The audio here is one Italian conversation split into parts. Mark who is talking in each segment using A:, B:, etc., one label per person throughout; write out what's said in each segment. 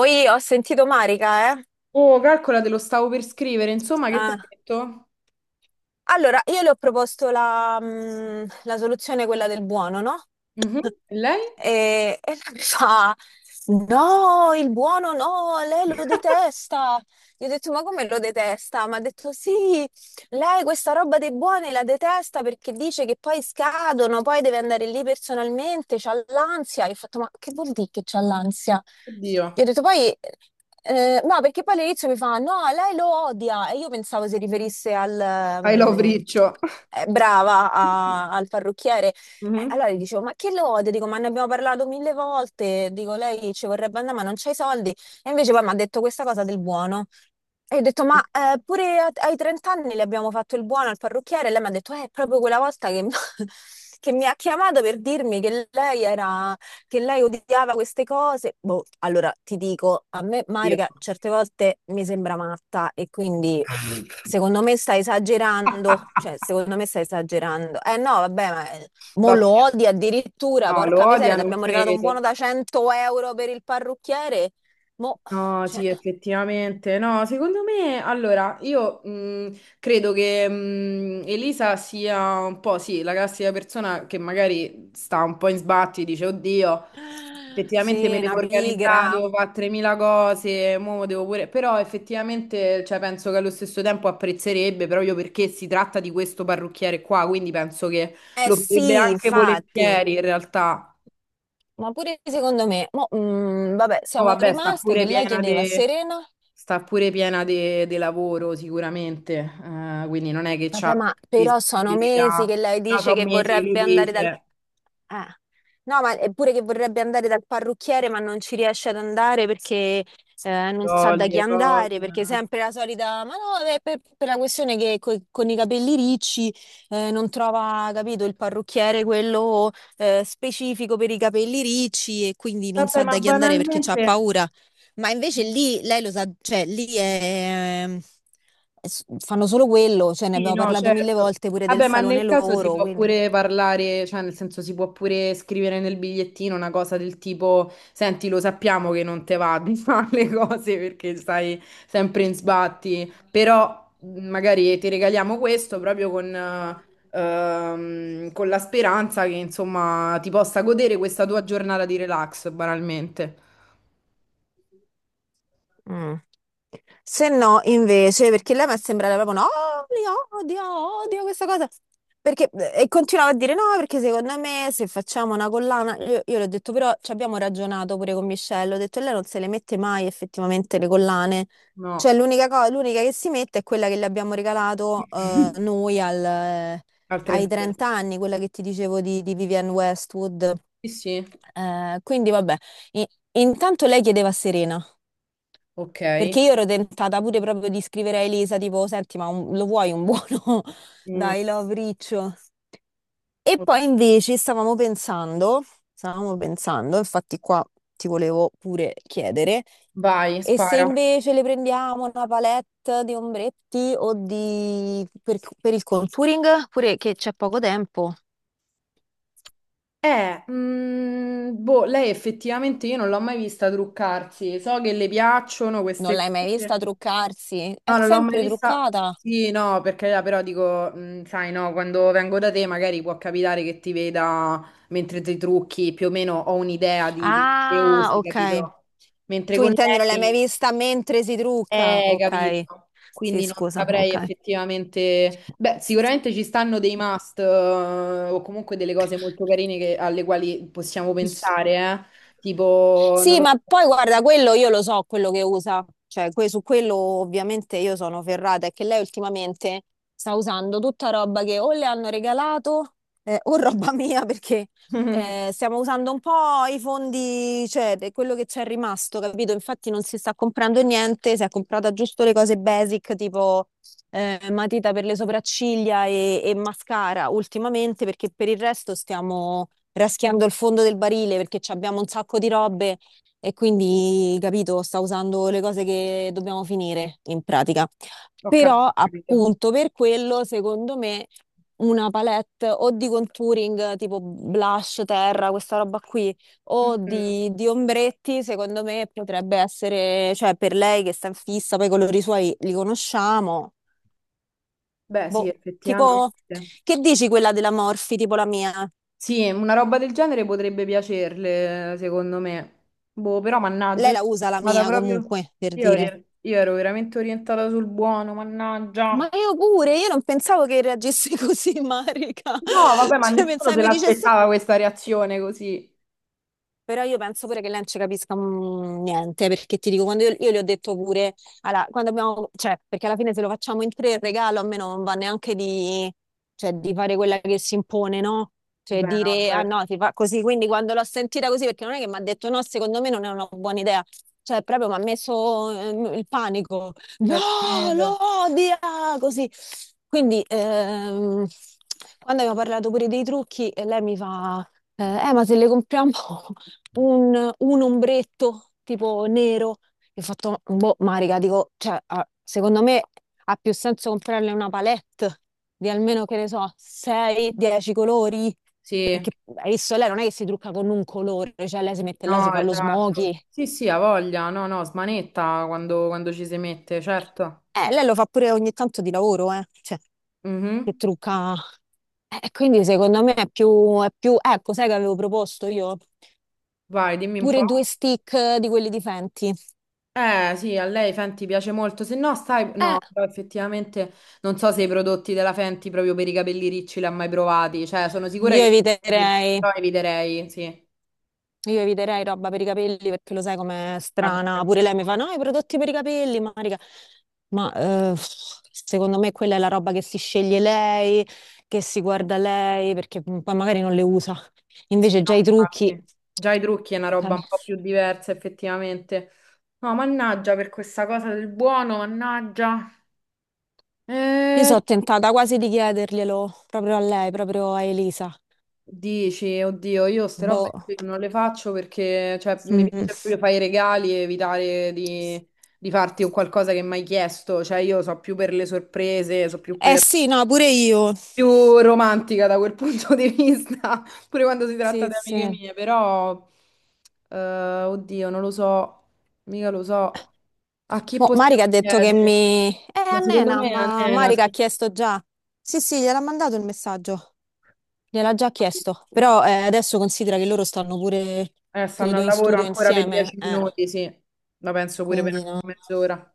A: Oi, ho sentito Marica, eh?
B: Oh, calcola, te lo stavo per scrivere. Insomma, che ti ha
A: Eh.
B: detto?
A: Allora, io le ho proposto la, la soluzione, quella del buono, no?
B: Mhm. E lei?
A: E lei mi fa, no, il buono no, lei lo detesta. Gli ho detto, ma come lo detesta? Mi ha detto, sì, lei questa roba dei buoni la detesta perché dice che poi scadono, poi deve andare lì personalmente, c'ha l'ansia. Io ho fatto, ma che vuol dire che c'ha l'ansia?
B: Oddio.
A: Gli ho detto, poi... no, perché poi all'inizio mi fa, no, lei lo odia. E io pensavo si riferisse al...
B: I love
A: mm,
B: Riccio.
A: brava al parrucchiere.
B: Mhm.
A: Allora gli dicevo, ma che lode? Dico, ma ne abbiamo parlato mille volte. Dico, lei ci vorrebbe andare, ma non c'hai soldi. E invece poi mi ha detto questa cosa del buono. E io ho detto, ma pure ai 30 anni le abbiamo fatto il buono al parrucchiere. E lei mi ha detto, è proprio quella volta che, che mi ha chiamato per dirmi che lei era, che lei odiava queste cose. Boh, allora ti dico, a me
B: Io.
A: Marica certe volte mi sembra matta e quindi... Secondo me sta esagerando, cioè secondo me sta esagerando. Eh no, vabbè, ma mo lo
B: Vabbè,
A: odia addirittura,
B: no, lo
A: porca miseria,
B: odia,
A: ti
B: non
A: abbiamo regalato un buono
B: credo.
A: da 100 euro per il parrucchiere. Mo,
B: No,
A: cioè,
B: sì, effettivamente. No, secondo me, allora, io credo che Elisa sia un po', sì, la classica persona che magari sta un po' in sbatti, dice, oddio, effettivamente
A: sì,
B: me devo
A: una
B: organizzare,
A: pigra.
B: devo fare 3.000 cose, mo devo pure. Però effettivamente cioè, penso che allo stesso tempo apprezzerebbe proprio perché si tratta di questo parrucchiere qua, quindi penso che
A: Eh
B: lo farebbe
A: sì,
B: anche
A: infatti.
B: volentieri in realtà.
A: Ma pure secondo me, mo, vabbè,
B: Poi
A: siamo
B: vabbè,
A: rimaste che lei chiedeva a Serena.
B: sta pure piena de lavoro sicuramente, quindi non è che c'ha
A: Vabbè, ma però sono mesi che
B: disponibilità,
A: lei
B: però
A: dice
B: sono
A: che
B: mesi che lui
A: vorrebbe andare dal...
B: dice,
A: Eh. No, ma è pure che vorrebbe andare dal parrucchiere, ma non ci riesce ad andare perché non sa da chi
B: toglie cose.
A: andare, perché è sempre la solita... Ma no, è per la questione che con i capelli ricci non trova, capito, il parrucchiere quello specifico per i capelli ricci e quindi non
B: Vabbè,
A: sa
B: ma
A: da chi andare perché ha
B: banalmente.
A: paura, ma invece lì lei lo sa, cioè lì è fanno solo quello, cioè ne
B: Sì,
A: abbiamo
B: no,
A: parlato mille
B: certo.
A: volte pure del
B: Vabbè, ma
A: salone
B: nel caso si
A: loro,
B: può
A: quindi.
B: pure parlare, cioè nel senso si può pure scrivere nel bigliettino una cosa del tipo, senti, lo sappiamo che non te va di fare le cose perché stai sempre in sbatti, però magari ti regaliamo questo proprio con la speranza che insomma ti possa godere questa tua giornata di relax, banalmente.
A: Mm. Se no, invece, perché lei mi è sembrata proprio no, li odio questa cosa. Perché, e continuava a dire no, perché secondo me se facciamo una collana, io le ho detto, però ci abbiamo ragionato pure con Michelle, ho detto lei non se le mette mai effettivamente le collane,
B: No,
A: cioè l'unica cosa, l'unica che si mette è quella che le abbiamo regalato noi
B: al
A: ai
B: trentesimo.
A: 30 anni, quella che ti dicevo di Vivienne Westwood.
B: Sì, sì,
A: Quindi vabbè, I- intanto lei chiedeva a Serena.
B: ok.
A: Perché io ero tentata pure proprio di scrivere a Elisa, tipo, senti, ma lo vuoi un buono?
B: Mm.
A: Dai, love riccio. E
B: Ok.
A: poi invece stavamo pensando, infatti qua ti volevo pure chiedere,
B: Vai,
A: e se
B: spara.
A: invece le prendiamo una palette di ombretti o di... per il contouring, pure che c'è poco tempo.
B: Boh, lei effettivamente io non l'ho mai vista truccarsi. So che le piacciono
A: Non l'hai
B: queste
A: mai
B: cose.
A: vista truccarsi? È
B: No, non l'ho mai
A: sempre
B: vista.
A: truccata.
B: Sì, no, perché però dico, sai, no, quando vengo da te magari può capitare che ti veda mentre ti trucchi, più o meno ho un'idea di quello che
A: Ah,
B: usi,
A: ok.
B: capito? Mentre
A: Tu
B: con
A: intendi, non l'hai mai
B: lei.
A: vista mentre si trucca? Ok,
B: Capito.
A: sì,
B: Quindi non
A: scusa,
B: saprei
A: ok.
B: effettivamente. Beh, sicuramente ci stanno dei must, o comunque delle cose molto carine che- alle quali possiamo pensare, eh. Tipo, non
A: Sì,
B: lo
A: ma poi guarda, quello io lo so, quello che usa, cioè su quello ovviamente io sono ferrata, è che lei ultimamente sta usando tutta roba che o le hanno regalato o roba mia, perché stiamo usando un po' i fondi, cioè per quello che c'è rimasto, capito? Infatti non si sta comprando niente, si è comprata giusto le cose basic, tipo matita per le sopracciglia e mascara ultimamente, perché per il resto stiamo raschiando il fondo del barile perché ci abbiamo un sacco di robe, e quindi, capito, sta usando le cose che dobbiamo finire, in pratica.
B: so, ho capito.
A: Però
B: Ho capito.
A: appunto per quello, secondo me, una palette o di contouring tipo blush, terra, questa roba qui, o
B: Mm.
A: di ombretti, secondo me potrebbe essere, cioè per lei che sta in fissa, poi i colori suoi li conosciamo.
B: Beh, sì,
A: Boh, tipo,
B: effettivamente.
A: che dici quella della Morphy, tipo la mia?
B: Sì, una roba del genere potrebbe piacerle, secondo me. Boh, però mannaggia,
A: Lei
B: io
A: la usa la
B: vado
A: mia
B: proprio.
A: comunque, per
B: Io,
A: dire.
B: ero io ero veramente orientata sul buono,
A: Ma
B: mannaggia.
A: io pure, io non pensavo che reagisse così, Marica.
B: No, vabbè, ma
A: Cioè,
B: nessuno
A: pensavo
B: se
A: mi dicesse.
B: l'aspettava questa reazione così.
A: Però io penso pure che lei non ci capisca niente, perché ti dico, quando io le ho detto pure, allora, quando abbiamo, cioè, perché alla fine se lo facciamo in tre il regalo a me non va neanche di, cioè, di fare quella che si impone, no? Cioè
B: Beh, no,
A: dire, ah
B: certo,
A: no, si fa così, quindi quando l'ho sentita così, perché non è che mi ha detto no, secondo me non è una buona idea, cioè proprio mi ha messo il panico, no,
B: credo.
A: lo odia, così. Quindi, quando abbiamo parlato pure dei trucchi, lei mi fa... Eh, ma se le compriamo un ombretto tipo nero. Io ho fatto, boh, Marica, dico, cioè, ah, secondo me ha più senso comprarle una palette di almeno, che ne so, 6-10 colori,
B: Sì,
A: perché hai visto, lei non è che si trucca con un colore, cioè lei si mette là, si
B: no,
A: fa lo
B: esatto.
A: smokey.
B: Sì, sì, ha voglia. No, no, smanetta quando ci si mette, certo.
A: Lei lo fa pure ogni tanto di lavoro, cioè, che
B: Mhm.
A: trucca. E quindi secondo me è più, ecco, sai che avevo proposto io?
B: Vai, dimmi un po'.
A: Pure due stick di quelli di Fenty.
B: Sì, a lei Fenty piace molto. Se no, stai...
A: Eh,
B: No, però effettivamente non so se i prodotti della Fenty proprio per i capelli ricci li ha mai provati. Cioè, sono sicura
A: io
B: che.
A: eviterei.
B: Però eviterei, sì.
A: Io eviterei roba per i capelli perché lo sai com'è
B: Vabbè,
A: strana. Pure
B: perché.
A: lei mi fa: No, i prodotti per i capelli, Marica. Ma eh, secondo me quella è la roba che si sceglie lei, che si guarda lei, perché poi magari non le usa.
B: Sì,
A: Invece
B: no,
A: già i trucchi.
B: infatti. Già i trucchi è una roba un
A: Cambia.
B: po' più diversa, effettivamente. No, mannaggia per questa cosa del buono, mannaggia.
A: Io
B: Eh,
A: sono tentata quasi di chiederglielo proprio a lei, proprio a Elisa.
B: dici, oddio, io ste robe
A: Boh.
B: qui non le faccio perché, cioè, mi
A: Mm.
B: piace proprio fare i regali e evitare di farti un qualcosa che mi hai chiesto. Cioè, io so più per le sorprese, so più
A: Eh
B: per
A: sì, no, pure io.
B: più romantica da quel punto di vista, pure quando si tratta
A: Sì,
B: di amiche
A: sì.
B: mie, però, eh, oddio, non lo so, mica lo so, a chi
A: Boh,
B: possiamo
A: Marica ha detto che
B: chiedere?
A: mi...
B: Ma secondo
A: Annena,
B: me a
A: ma
B: Nena,
A: Marica ha
B: sì.
A: chiesto già. Sì, sì, gliel'ha mandato il messaggio. Gliel'ha già chiesto. Però adesso considera che loro stanno pure,
B: Stanno
A: credo,
B: al
A: in
B: lavoro
A: studio
B: ancora per
A: insieme.
B: dieci
A: Eh,
B: minuti, sì, la penso pure
A: quindi
B: per
A: no.
B: mezz'ora,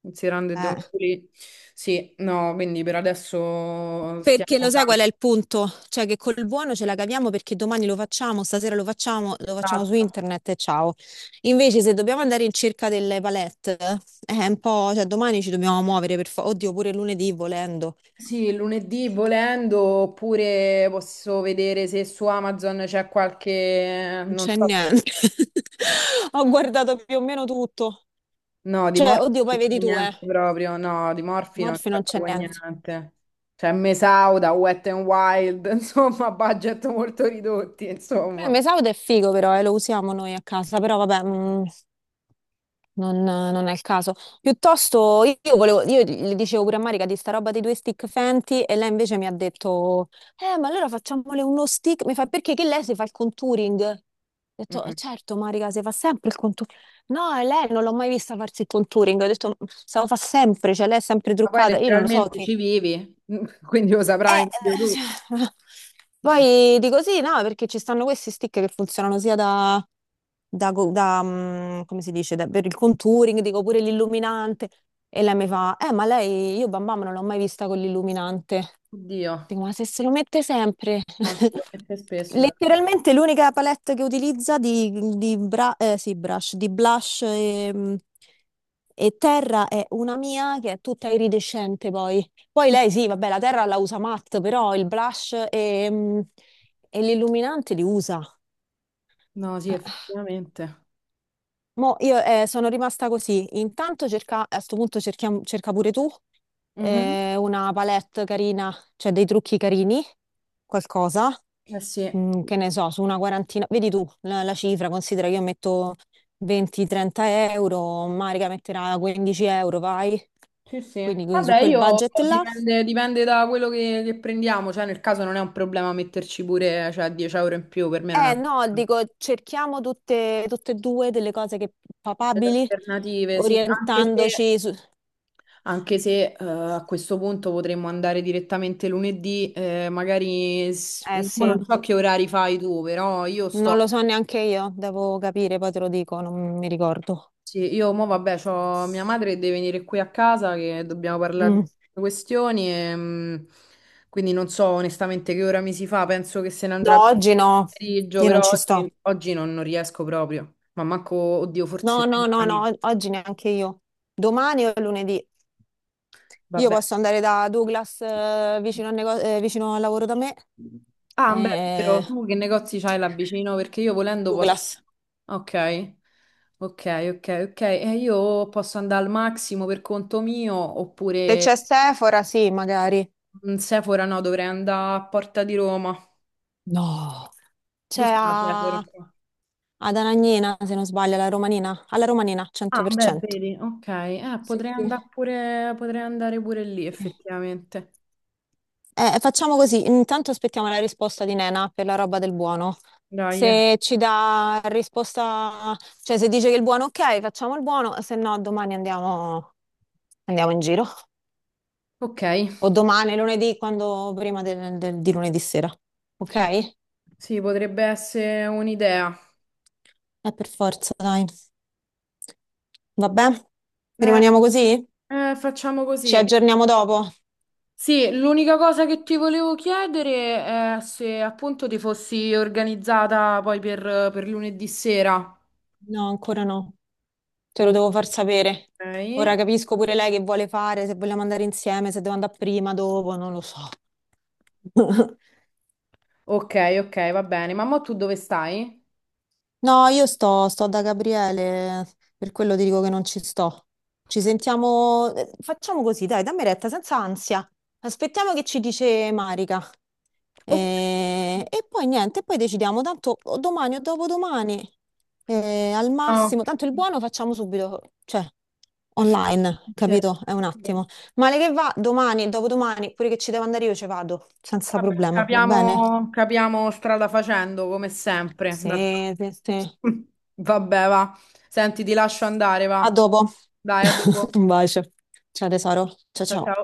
B: considerando che devo
A: Eh.
B: pulire. Sì, no, quindi per adesso
A: Perché
B: stiamo
A: lo sai
B: calmi.
A: qual è il punto? Cioè che col buono ce la caviamo perché domani lo facciamo, stasera lo facciamo su
B: Esatto.
A: internet e ciao. Invece se dobbiamo andare in cerca delle palette, è un po'... Cioè domani ci dobbiamo muovere per... Oddio, pure lunedì volendo.
B: Sì, lunedì volendo, oppure posso vedere se su Amazon c'è qualche,
A: Non
B: non
A: c'è
B: so,
A: niente. Ho guardato più o meno tutto.
B: no, di
A: Cioè,
B: Morphy
A: oddio,
B: non
A: poi
B: c'è
A: vedi tu, eh.
B: niente proprio, no, di Morphy non
A: Morfi
B: c'è
A: non c'è
B: proprio
A: niente.
B: niente. C'è Mesauda, Wet n Wild, insomma, budget molto ridotti,
A: Beh,
B: insomma.
A: Mesaud è figo però, lo usiamo noi a casa, però vabbè. Non è il caso. Piuttosto, io volevo, io le dicevo pure a Marica di sta roba dei due stick Fenty, e lei invece mi ha detto, ma allora facciamole uno stick. Mi fa, perché che lei si fa il contouring? Ho detto,
B: Mm.
A: Certo, Marica, si fa sempre il contouring." No, e lei non l'ho mai vista farsi il contouring. Ho detto, se lo fa sempre, cioè lei è sempre
B: Ma poi
A: truccata. Io non lo so
B: letteralmente
A: che,
B: ci vivi, quindi lo saprai meglio tu.
A: eh, poi dico sì, no, perché ci stanno questi stick che funzionano sia da, come si dice, per il contouring, dico pure l'illuminante. E lei mi fa, ma lei, io Bam Bam non l'ho mai vista con l'illuminante.
B: Oddio,
A: Dico, ma se lo mette sempre.
B: no, sicuramente spesso.
A: Letteralmente l'unica palette che utilizza di brush, di blush e terra è una mia che è tutta iridescente poi. Poi lei sì, vabbè, la terra la usa matte, però il blush e l'illuminante li usa.
B: No, sì,
A: Eh,
B: effettivamente.
A: Mo io sono rimasta così. Intanto cerca, a sto punto cerca pure tu
B: Mhm.
A: una palette carina, cioè dei trucchi carini, qualcosa.
B: Eh sì.
A: Che ne so, su una quarantina, vedi tu la cifra, considera che io metto 20-30 euro, Marica metterà 15 euro, vai.
B: Sì, sì.
A: Quindi su
B: Vabbè,
A: quel
B: io
A: budget là.
B: dipende, dipende da quello che prendiamo, cioè nel caso non è un problema metterci pure, cioè, 10 euro in più, per me non è.
A: Eh no, dico, cerchiamo tutte e due delle cose che
B: Delle
A: papabili,
B: alternative, sì, anche se,
A: orientandoci su...
B: anche se eh, a questo punto potremmo andare direttamente lunedì, magari s-
A: Eh
B: un po'
A: sì,
B: non so che orari fai tu, però io
A: non lo
B: sto.
A: so neanche io, devo capire, poi te lo dico, non mi ricordo.
B: Sì, io mo vabbè, c'ho mia madre che deve venire qui a casa che dobbiamo parlare di
A: Mm.
B: queste questioni e, quindi non so onestamente che ora mi si fa, penso che se ne andrà
A: No,
B: per
A: oggi no,
B: il pomeriggio,
A: io non
B: però
A: ci sto.
B: oggi, oggi non riesco proprio, ma manco, oddio,
A: No,
B: forse
A: no, no,
B: domani,
A: no, oggi neanche io. Domani o lunedì. Io
B: vabbè.
A: posso andare da Douglas vicino, al vicino al lavoro da me.
B: Ah, beh, è
A: eh,
B: vero, tu che negozi c'hai là vicino? Perché io volendo posso.
A: Douglas.
B: Ok, ok, ok, ok, e io posso andare al massimo per conto mio
A: Se
B: oppure.
A: c'è Sephora, sì, magari.
B: Mm, Sephora no, dovrei andare a Porta di Roma.
A: No. C'è
B: Dove sta Sephora
A: ad
B: qua?
A: Anagnina, se non sbaglio, alla Romanina. Alla Romanina,
B: Ah, beh,
A: 100%.
B: vedi, ok.
A: Sì, sì,
B: Potrei andare pure lì,
A: sì.
B: effettivamente.
A: Facciamo così, intanto aspettiamo la risposta di Nena per la roba del buono.
B: Dai. Eh.
A: Se ci dà risposta, cioè se dice che il buono ok, facciamo il buono, se no domani andiamo, in giro.
B: Ok,
A: O domani, lunedì, quando prima di lunedì sera. Ok? È
B: sì, potrebbe essere un'idea.
A: per forza, dai. Vabbè,
B: Eh,
A: rimaniamo così?
B: facciamo
A: Ci
B: così.
A: aggiorniamo dopo?
B: Sì, l'unica cosa che ti volevo chiedere è se appunto ti fossi organizzata poi per lunedì sera.
A: No, ancora no. Te lo
B: Ok,
A: devo far sapere. Ora capisco pure lei che vuole fare, se vogliamo andare insieme, se devo andare prima, dopo, non lo so.
B: ok, ok, va bene. Ma mo tu dove stai?
A: No, io sto da Gabriele, per quello ti dico che non ci sto. Ci sentiamo, facciamo così, dai, dammi retta, senza ansia. Aspettiamo che ci dice Marica.
B: Ok.
A: E poi niente, poi decidiamo, tanto o domani o dopodomani, al
B: No,
A: massimo, tanto il buono facciamo subito, cioè online,
B: effettivamente,
A: capito? È un
B: sì.
A: attimo. Male che va, domani e dopodomani, pure che ci devo andare io ci vado, senza
B: Vabbè,
A: problema, va bene?
B: capiamo, capiamo strada facendo come sempre. D'altro-
A: Sì, sì, sì.
B: Vabbè, va. Senti, ti lascio andare,
A: A
B: va.
A: dopo.
B: Dai, a dopo.
A: Un bacio. Ciao tesoro. Ciao
B: Ciao
A: ciao.
B: ciao.